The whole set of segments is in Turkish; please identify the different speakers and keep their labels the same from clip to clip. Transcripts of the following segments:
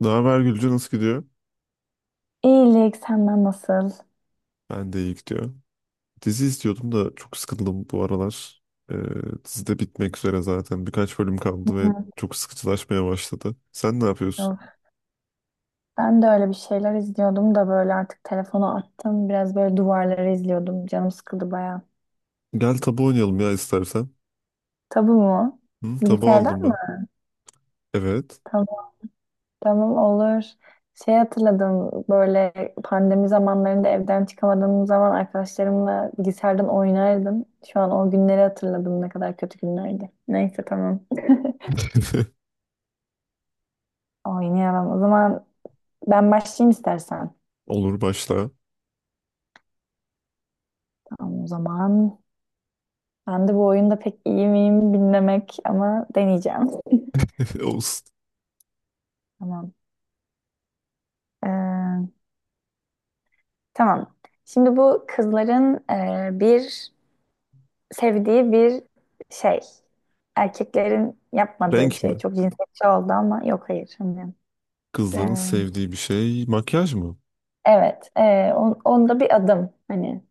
Speaker 1: Ne haber Gülce, nasıl gidiyor?
Speaker 2: İyilik senden nasıl?
Speaker 1: Ben de iyi, gidiyor. Dizi izliyordum da çok sıkıldım bu aralar. Ee, dizi de bitmek üzere zaten. Birkaç bölüm
Speaker 2: Hı
Speaker 1: kaldı ve
Speaker 2: hı.
Speaker 1: çok sıkıcılaşmaya başladı. Sen ne yapıyorsun?
Speaker 2: Yok. Ben de öyle bir şeyler izliyordum da böyle artık telefonu attım. Biraz böyle duvarları izliyordum. Canım sıkıldı baya.
Speaker 1: Gel tabu oynayalım ya istersen.
Speaker 2: Tabu mu?
Speaker 1: Hı, tabu aldım
Speaker 2: Bilgisayardan
Speaker 1: ben.
Speaker 2: mı?
Speaker 1: Evet.
Speaker 2: Tamam, tamam olur. Şey hatırladım böyle pandemi zamanlarında evden çıkamadığım zaman arkadaşlarımla bilgisayardan oynardım. Şu an o günleri hatırladım, ne kadar kötü günlerdi. Neyse tamam. Oynayalım. O zaman ben başlayayım istersen.
Speaker 1: Olur, başla.
Speaker 2: Tamam o zaman. Ben de bu oyunda pek iyi miyim bilmemek ama deneyeceğim.
Speaker 1: Olsun.
Speaker 2: Tamam. Ee, tamam. Şimdi bu kızların bir sevdiği bir şey. Erkeklerin yapmadığı bir
Speaker 1: Renk
Speaker 2: şey.
Speaker 1: mi?
Speaker 2: Çok cinsiyetçi oldu ama yok hayır. Hani, e,
Speaker 1: Kızların sevdiği bir şey. Makyaj mı?
Speaker 2: evet. Onda bir adım. Hani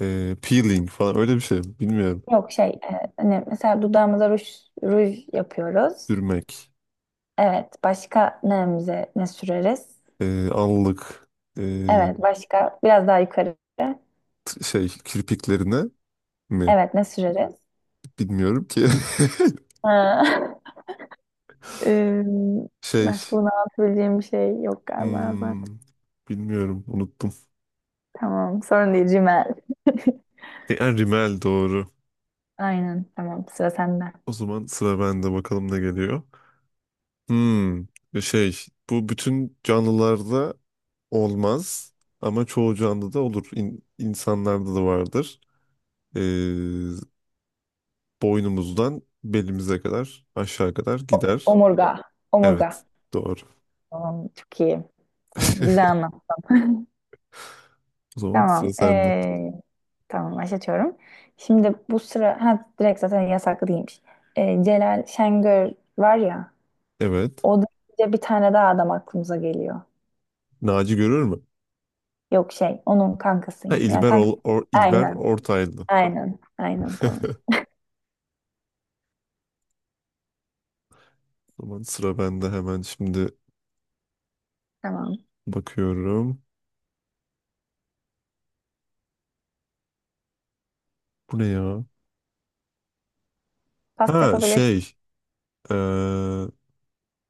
Speaker 1: Peeling falan, öyle bir şey mi? Bilmiyorum.
Speaker 2: yok şey. Hani mesela dudağımıza ruj yapıyoruz.
Speaker 1: Sürmek.
Speaker 2: Evet. Başka neyimize ne süreriz?
Speaker 1: Allık. Ee,
Speaker 2: Evet. Başka biraz daha yukarı.
Speaker 1: Şey, kirpiklerine mi?
Speaker 2: Evet. Ne süreriz?
Speaker 1: Bilmiyorum ki.
Speaker 2: Ha. Ee,
Speaker 1: Şey,
Speaker 2: Başka bunu anlatabileceğim bir şey yok galiba
Speaker 1: hmm,
Speaker 2: zaten.
Speaker 1: bilmiyorum, unuttum.
Speaker 2: Tamam, sorun değil Cimel.
Speaker 1: E, yani Rimmel doğru.
Speaker 2: Aynen, tamam, sıra sende.
Speaker 1: O zaman sıra bende, bakalım ne geliyor. Hmm, şey, bu bütün canlılarda olmaz ama çoğu canlıda olur. İnsanlarda da vardır. Ee, Boynumuzdan belimize kadar, aşağı kadar gider.
Speaker 2: Omurga, omurga.
Speaker 1: Evet, doğru.
Speaker 2: Tamam, çok iyi. Tamam, güzel anlat.
Speaker 1: O zaman
Speaker 2: Tamam,
Speaker 1: sıra sende.
Speaker 2: tamam başlatıyorum. Şimdi bu sıra, ha direkt zaten yasaklı değilmiş. Celal Şengör var ya,
Speaker 1: Evet.
Speaker 2: o da bir tane daha adam aklımıza geliyor.
Speaker 1: Naci görür mü?
Speaker 2: Yok şey, onun kankası
Speaker 1: Ha
Speaker 2: yine. Yani
Speaker 1: İlber,
Speaker 2: kanka,
Speaker 1: İlber
Speaker 2: aynen,
Speaker 1: Ortaylı.
Speaker 2: aynen tamam.
Speaker 1: O zaman sıra bende, hemen şimdi
Speaker 2: Tamam.
Speaker 1: bakıyorum. Bu ne ya?
Speaker 2: Pasta
Speaker 1: Ha
Speaker 2: yapabilirsin.
Speaker 1: şey, eee,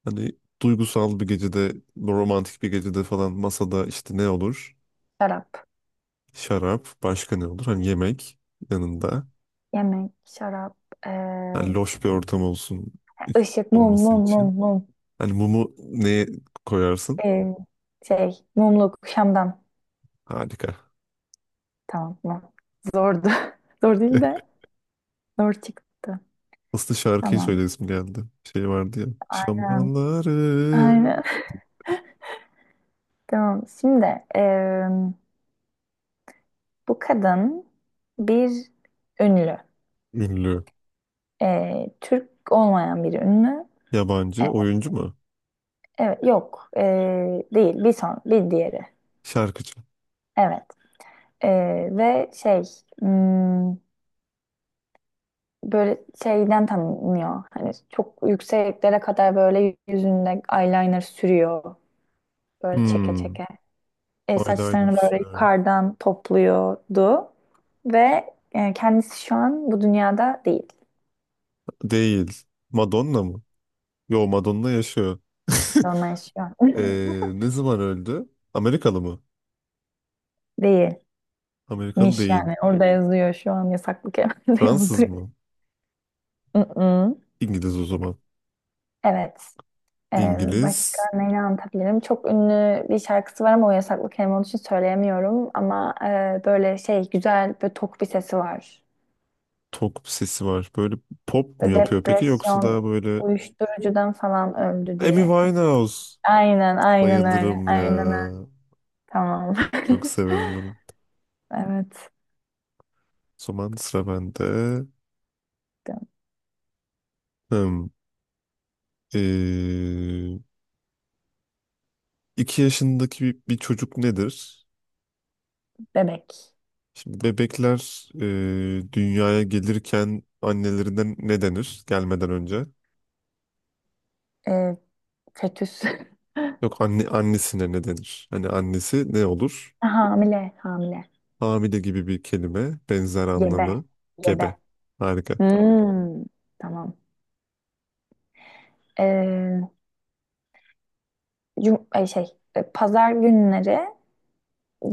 Speaker 1: hani duygusal bir gecede, romantik bir gecede falan, masada işte ne olur?
Speaker 2: Şarap,
Speaker 1: Şarap, başka ne olur? Hani yemek yanında.
Speaker 2: yemek,
Speaker 1: Hani
Speaker 2: eee,
Speaker 1: loş bir ortam olsun,
Speaker 2: ışık, mum,
Speaker 1: olması
Speaker 2: mum, mum,
Speaker 1: için.
Speaker 2: mum.
Speaker 1: Hani mumu neye koyarsın?
Speaker 2: Eee, şey, mumluk, şamdan.
Speaker 1: Harika.
Speaker 2: Tamam, mum. Zordu. Zor değil de zor çıktı.
Speaker 1: Aslında şarkıyı
Speaker 2: Tamam.
Speaker 1: söyleyesim geldi. Şey vardı ya.
Speaker 2: Aynen.
Speaker 1: Şamdanları
Speaker 2: Aynen. Tamam. Şimdi bu kadın bir ünlü.
Speaker 1: ünlü.
Speaker 2: Türk olmayan bir ünlü. E,
Speaker 1: Yabancı oyuncu mu?
Speaker 2: evet, yok. Değil. Bir son, bir diğeri.
Speaker 1: Şarkıcı.
Speaker 2: Evet. Ve şey, hmm, böyle şeyden tanınıyor. Hani çok yükseklere kadar böyle yüzünde eyeliner sürüyor. Böyle çeke
Speaker 1: Hmm.
Speaker 2: çeke.
Speaker 1: Eyeliner
Speaker 2: Saçlarını böyle
Speaker 1: sürüyor.
Speaker 2: yukarıdan topluyordu. Ve kendisi şu an bu dünyada değil.
Speaker 1: Değil. Madonna mı? Yo, Madonna yaşıyor.
Speaker 2: Onunla yaşıyor.
Speaker 1: Ne zaman öldü? Amerikalı mı?
Speaker 2: Değilmiş
Speaker 1: Amerikalı değil.
Speaker 2: yani. Orada yazıyor şu an yasaklı kelimede
Speaker 1: Fransız
Speaker 2: yazdı.
Speaker 1: mı?
Speaker 2: Mm-mm.
Speaker 1: İngiliz o zaman.
Speaker 2: Evet. Ee, başka
Speaker 1: İngiliz,
Speaker 2: neyle anlatabilirim? Çok ünlü bir şarkısı var ama o yasaklı kelime olduğu için söyleyemiyorum. Ama böyle şey güzel böyle tok bir sesi var.
Speaker 1: tok sesi var. Böyle pop mu
Speaker 2: Böyle
Speaker 1: yapıyor peki, yoksa daha
Speaker 2: depresyon,
Speaker 1: böyle
Speaker 2: uyuşturucudan falan öldü
Speaker 1: Amy
Speaker 2: diye.
Speaker 1: Winehouse.
Speaker 2: Aynen, öyle.
Speaker 1: Bayılırım
Speaker 2: Aynen öyle.
Speaker 1: ya.
Speaker 2: Tamam.
Speaker 1: Çok severim onu. O
Speaker 2: Evet.
Speaker 1: zaman sıra bende. Hmm. Ee, iki yaşındaki bir çocuk nedir?
Speaker 2: Bebek.
Speaker 1: Şimdi bebekler dünyaya gelirken annelerine ne denir, gelmeden önce?
Speaker 2: Ee, fetüs.
Speaker 1: Yok, anne annesine ne denir? Hani annesi ne olur?
Speaker 2: Hamile. Hamile.
Speaker 1: Hamile gibi bir kelime, benzer
Speaker 2: Gebe.
Speaker 1: anlamı, gebe.
Speaker 2: Gebe.
Speaker 1: Harika.
Speaker 2: Hmm. Tamam. Ee, ay şey, pazar günleri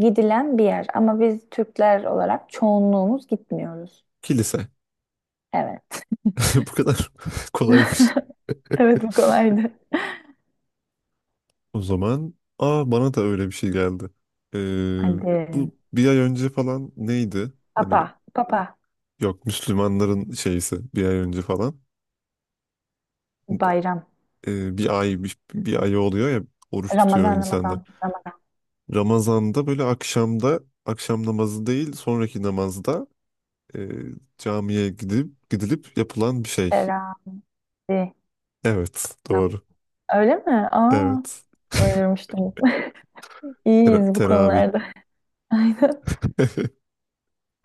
Speaker 2: gidilen bir yer ama biz Türkler olarak çoğunluğumuz gitmiyoruz.
Speaker 1: Kilise.
Speaker 2: Evet.
Speaker 1: Bu kadar kolaymış.
Speaker 2: Evet, bu kolaydı.
Speaker 1: O zaman aa, bana da öyle bir şey geldi. Ee,
Speaker 2: Hadi.
Speaker 1: Bu bir ay önce falan neydi? Hani
Speaker 2: Papa,
Speaker 1: yok, Müslümanların şeysi bir ay önce falan.
Speaker 2: bayram.
Speaker 1: Bir ay oluyor ya, oruç tutuyor
Speaker 2: Ramazan,
Speaker 1: insanlar.
Speaker 2: Ramazan.
Speaker 1: Ramazan'da böyle akşamda akşam namazı değil, sonraki namazda e, camiye gidilip yapılan bir şey.
Speaker 2: Teravih.
Speaker 1: Evet,
Speaker 2: nam-
Speaker 1: doğru.
Speaker 2: Öyle mi? Aa,
Speaker 1: Evet.
Speaker 2: oynamıştım. İyiyiz bu
Speaker 1: Teravih.
Speaker 2: konularda. Aynen.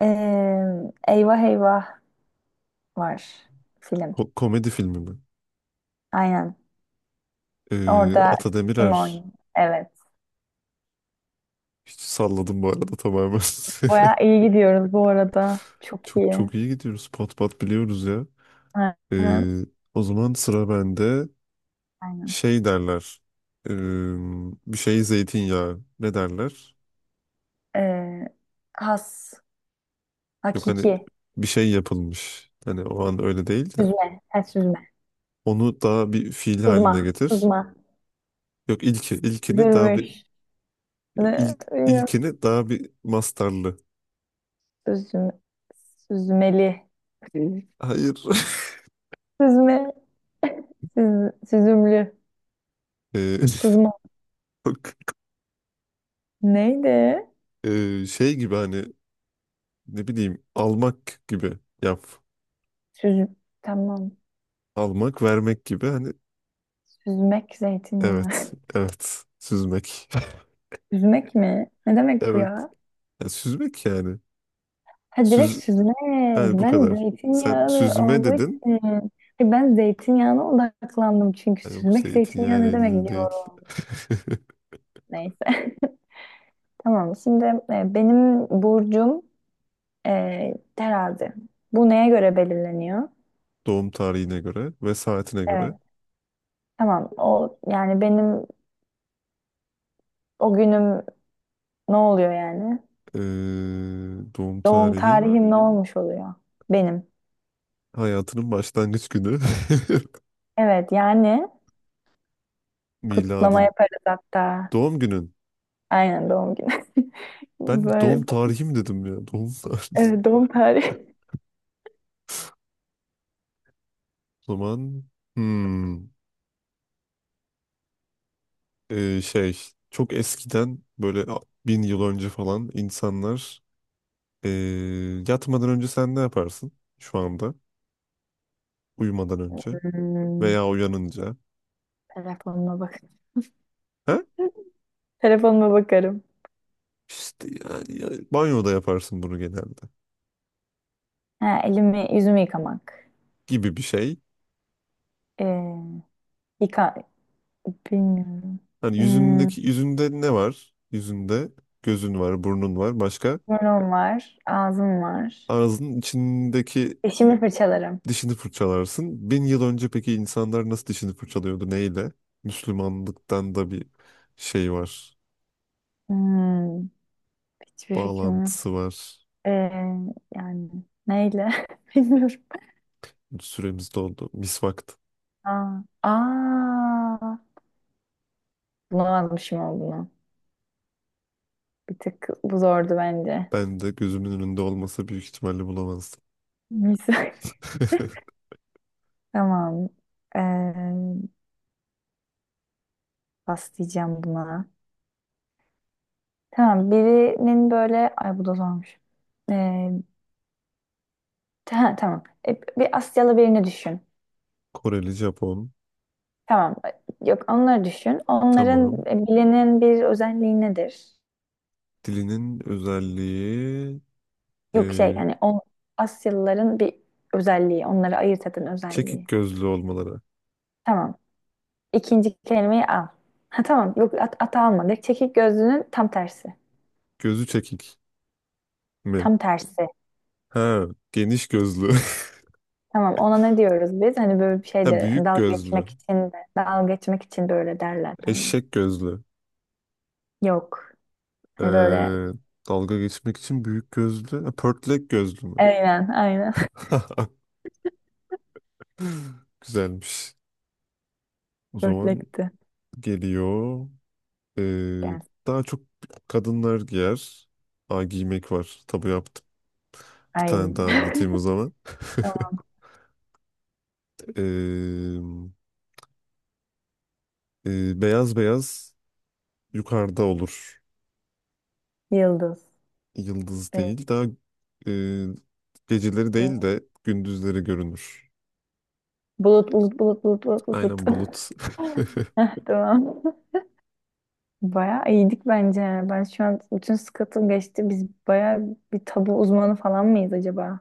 Speaker 2: Eyvah Eyvah var film.
Speaker 1: Komedi filmi mi?
Speaker 2: Aynen. Orada
Speaker 1: Ata
Speaker 2: kim
Speaker 1: Demirer.
Speaker 2: oynuyor? Evet.
Speaker 1: Hiç salladım bu arada, tamamen.
Speaker 2: Bayağı iyi gidiyoruz bu arada. Çok
Speaker 1: Çok
Speaker 2: iyi.
Speaker 1: çok iyi gidiyoruz. Pat pat biliyoruz ya.
Speaker 2: Aynen.
Speaker 1: Ee, O zaman sıra bende.
Speaker 2: Aynen.
Speaker 1: Şey derler. Ee, Bir şey zeytinyağı. Ne derler?
Speaker 2: Ee, has,
Speaker 1: Yok hani
Speaker 2: hakiki,
Speaker 1: bir şey yapılmış. Hani o an öyle değil de.
Speaker 2: süzme, ha,
Speaker 1: Onu daha bir fiil haline
Speaker 2: sızma,
Speaker 1: getir. Yok ilki. İlkini daha bir
Speaker 2: süzülmüş,
Speaker 1: yok,
Speaker 2: ne, bilmiyorum,
Speaker 1: ilkini daha bir mastarlı.
Speaker 2: süzüm, süzmeli, Hı.
Speaker 1: Hayır.
Speaker 2: Süzme, süz, süzümlü,
Speaker 1: Ee,
Speaker 2: sızma,
Speaker 1: yok.
Speaker 2: neydi?
Speaker 1: Şey gibi hani, ne bileyim, almak gibi yap.
Speaker 2: Süz, tamam,
Speaker 1: Almak, vermek gibi hani,
Speaker 2: süzmek
Speaker 1: evet,
Speaker 2: zeytinyağı,
Speaker 1: süzmek.
Speaker 2: süzmek mi? Ne demek bu
Speaker 1: Evet.
Speaker 2: ya?
Speaker 1: Yani süzmek yani.
Speaker 2: Ha direkt
Speaker 1: Süz
Speaker 2: süzmek,
Speaker 1: yani, bu
Speaker 2: ben
Speaker 1: kadar. Sen
Speaker 2: zeytinyağlı
Speaker 1: süzme
Speaker 2: olduğu için,
Speaker 1: dedin.
Speaker 2: Ay, ben zeytinyağına odaklandım çünkü
Speaker 1: Ha, yok
Speaker 2: süzmek
Speaker 1: zeytinyağı
Speaker 2: zeytinyağı
Speaker 1: ile
Speaker 2: ne demek
Speaker 1: ilgili değil.
Speaker 2: diyorum, neyse. Tamam. Şimdi benim burcum terazi. Bu neye göre belirleniyor?
Speaker 1: Doğum tarihine göre ve saatine
Speaker 2: Evet.
Speaker 1: göre.
Speaker 2: Tamam. O yani benim o günüm ne oluyor yani?
Speaker 1: Ee, Doğum
Speaker 2: Doğum
Speaker 1: tarihin
Speaker 2: tarihim ne olmuş oluyor? Benim.
Speaker 1: hayatının başlangıç günü.
Speaker 2: Evet yani kutlama
Speaker 1: Miladın.
Speaker 2: yaparız hatta.
Speaker 1: Doğum günün.
Speaker 2: Aynen doğum günü.
Speaker 1: Ben doğum
Speaker 2: Böyle
Speaker 1: tarihim dedim ya. Doğum tarihi.
Speaker 2: evet, doğum tarihi.
Speaker 1: O zaman hmm. Şey, çok eskiden böyle, bin yıl önce falan insanlar ee, yatmadan önce sen ne yaparsın, şu anda uyumadan önce
Speaker 2: Hmm,
Speaker 1: veya uyanınca,
Speaker 2: telefonuma bak.
Speaker 1: ha
Speaker 2: Telefonuma bakarım.
Speaker 1: işte yani, banyoda yaparsın bunu genelde
Speaker 2: Ha, elimi yüzümü yıkamak.
Speaker 1: gibi bir şey,
Speaker 2: Ee, yıka bilmiyorum.
Speaker 1: hani
Speaker 2: Hmm,
Speaker 1: yüzünde ne var, yüzünde gözün var, burnun var, başka
Speaker 2: burnum var, ağzım var.
Speaker 1: ağzının içindeki,
Speaker 2: Dişimi fırçalarım.
Speaker 1: dişini fırçalarsın. Bin yıl önce peki insanlar nasıl dişini fırçalıyordu, neyle? Müslümanlıktan da bir şey var,
Speaker 2: Hmm, hiçbir fikrim yok.
Speaker 1: bağlantısı var.
Speaker 2: Ee, yani neyle? Bilmiyorum.
Speaker 1: Süremiz doldu. Mis vakti.
Speaker 2: Aa, bulamadım şimdi olduğunu. Bir tık bu zordu bence.
Speaker 1: Ben de gözümün önünde olmasa büyük ihtimalle bulamazdım.
Speaker 2: Misal. Tamam. Ee, pas diyeceğim buna. Tamam birinin böyle... Ay bu da zormuş. Ee, tamam. E, bir Asyalı birini düşün.
Speaker 1: Koreli, Japon.
Speaker 2: Tamam. Yok onları düşün. Onların
Speaker 1: Tamam.
Speaker 2: bilinen bir özelliği nedir?
Speaker 1: Dilinin özelliği
Speaker 2: Yok şey
Speaker 1: e,
Speaker 2: yani o Asyalıların bir özelliği. Onları ayırt eden
Speaker 1: çekik
Speaker 2: özelliği.
Speaker 1: gözlü olmaları.
Speaker 2: Tamam. İkinci kelimeyi al. Ha tamam. Yok at, almadık. Çekik gözlünün tam tersi.
Speaker 1: Gözü çekik mi?
Speaker 2: Tam tersi.
Speaker 1: Ha, geniş gözlü.
Speaker 2: Tamam ona ne diyoruz biz? Hani böyle bir şey
Speaker 1: Ha,
Speaker 2: de hani
Speaker 1: büyük
Speaker 2: dalga
Speaker 1: gözlü.
Speaker 2: geçmek için de dalga geçmek için böyle derler hani.
Speaker 1: Eşek gözlü.
Speaker 2: Yok. Hani böyle
Speaker 1: E, Dalga geçmek için büyük gözlü. Ha, pörtlek gözlü mü?
Speaker 2: aynen, aynen.
Speaker 1: Güzelmiş. O zaman
Speaker 2: Dörtlekti.
Speaker 1: geliyor. Ee,
Speaker 2: Gelsin.
Speaker 1: Daha çok kadınlar giyer. Aa, giymek var. Tabu yaptım. Bir
Speaker 2: Ay.
Speaker 1: tane daha anlatayım o zaman.
Speaker 2: Tamam.
Speaker 1: Ee, Beyaz beyaz yukarıda olur.
Speaker 2: Yıldız.
Speaker 1: Yıldız
Speaker 2: Evet.
Speaker 1: değil. Daha e, geceleri değil de gündüzleri görünür.
Speaker 2: Bulut, bulut.
Speaker 1: Aynen,
Speaker 2: Bulut.
Speaker 1: bulut.
Speaker 2: Heh, tamam. Bayağı iyiydik bence. Yani. Ben şu an bütün sıkıntım geçti. Biz bayağı bir tabu uzmanı falan mıyız acaba?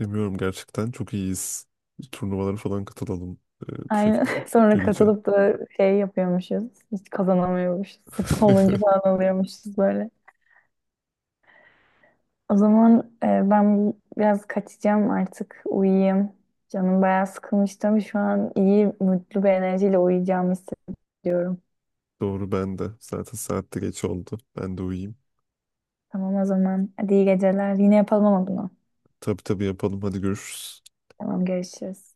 Speaker 1: Bilmiyorum gerçekten. Çok iyiyiz. Turnuvalara falan katılalım bu
Speaker 2: Aynen.
Speaker 1: şekilde.
Speaker 2: Sonra
Speaker 1: Gülce.
Speaker 2: katılıp da şey yapıyormuşuz. Hiç kazanamıyormuşuz. Sırf sonuncu falan alıyormuşuz böyle. O zaman ben biraz kaçacağım artık. Uyuyayım. Canım bayağı sıkılmıştı ama şu an iyi, mutlu bir enerjiyle uyuyacağımı hissediyorum.
Speaker 1: Doğru, ben de. Zaten saatte geç oldu. Ben de uyuyayım.
Speaker 2: Tamam o zaman. Hadi iyi geceler. Yine yapalım ama bunu.
Speaker 1: Tabii tabii yapalım. Hadi görüşürüz.
Speaker 2: Tamam görüşürüz.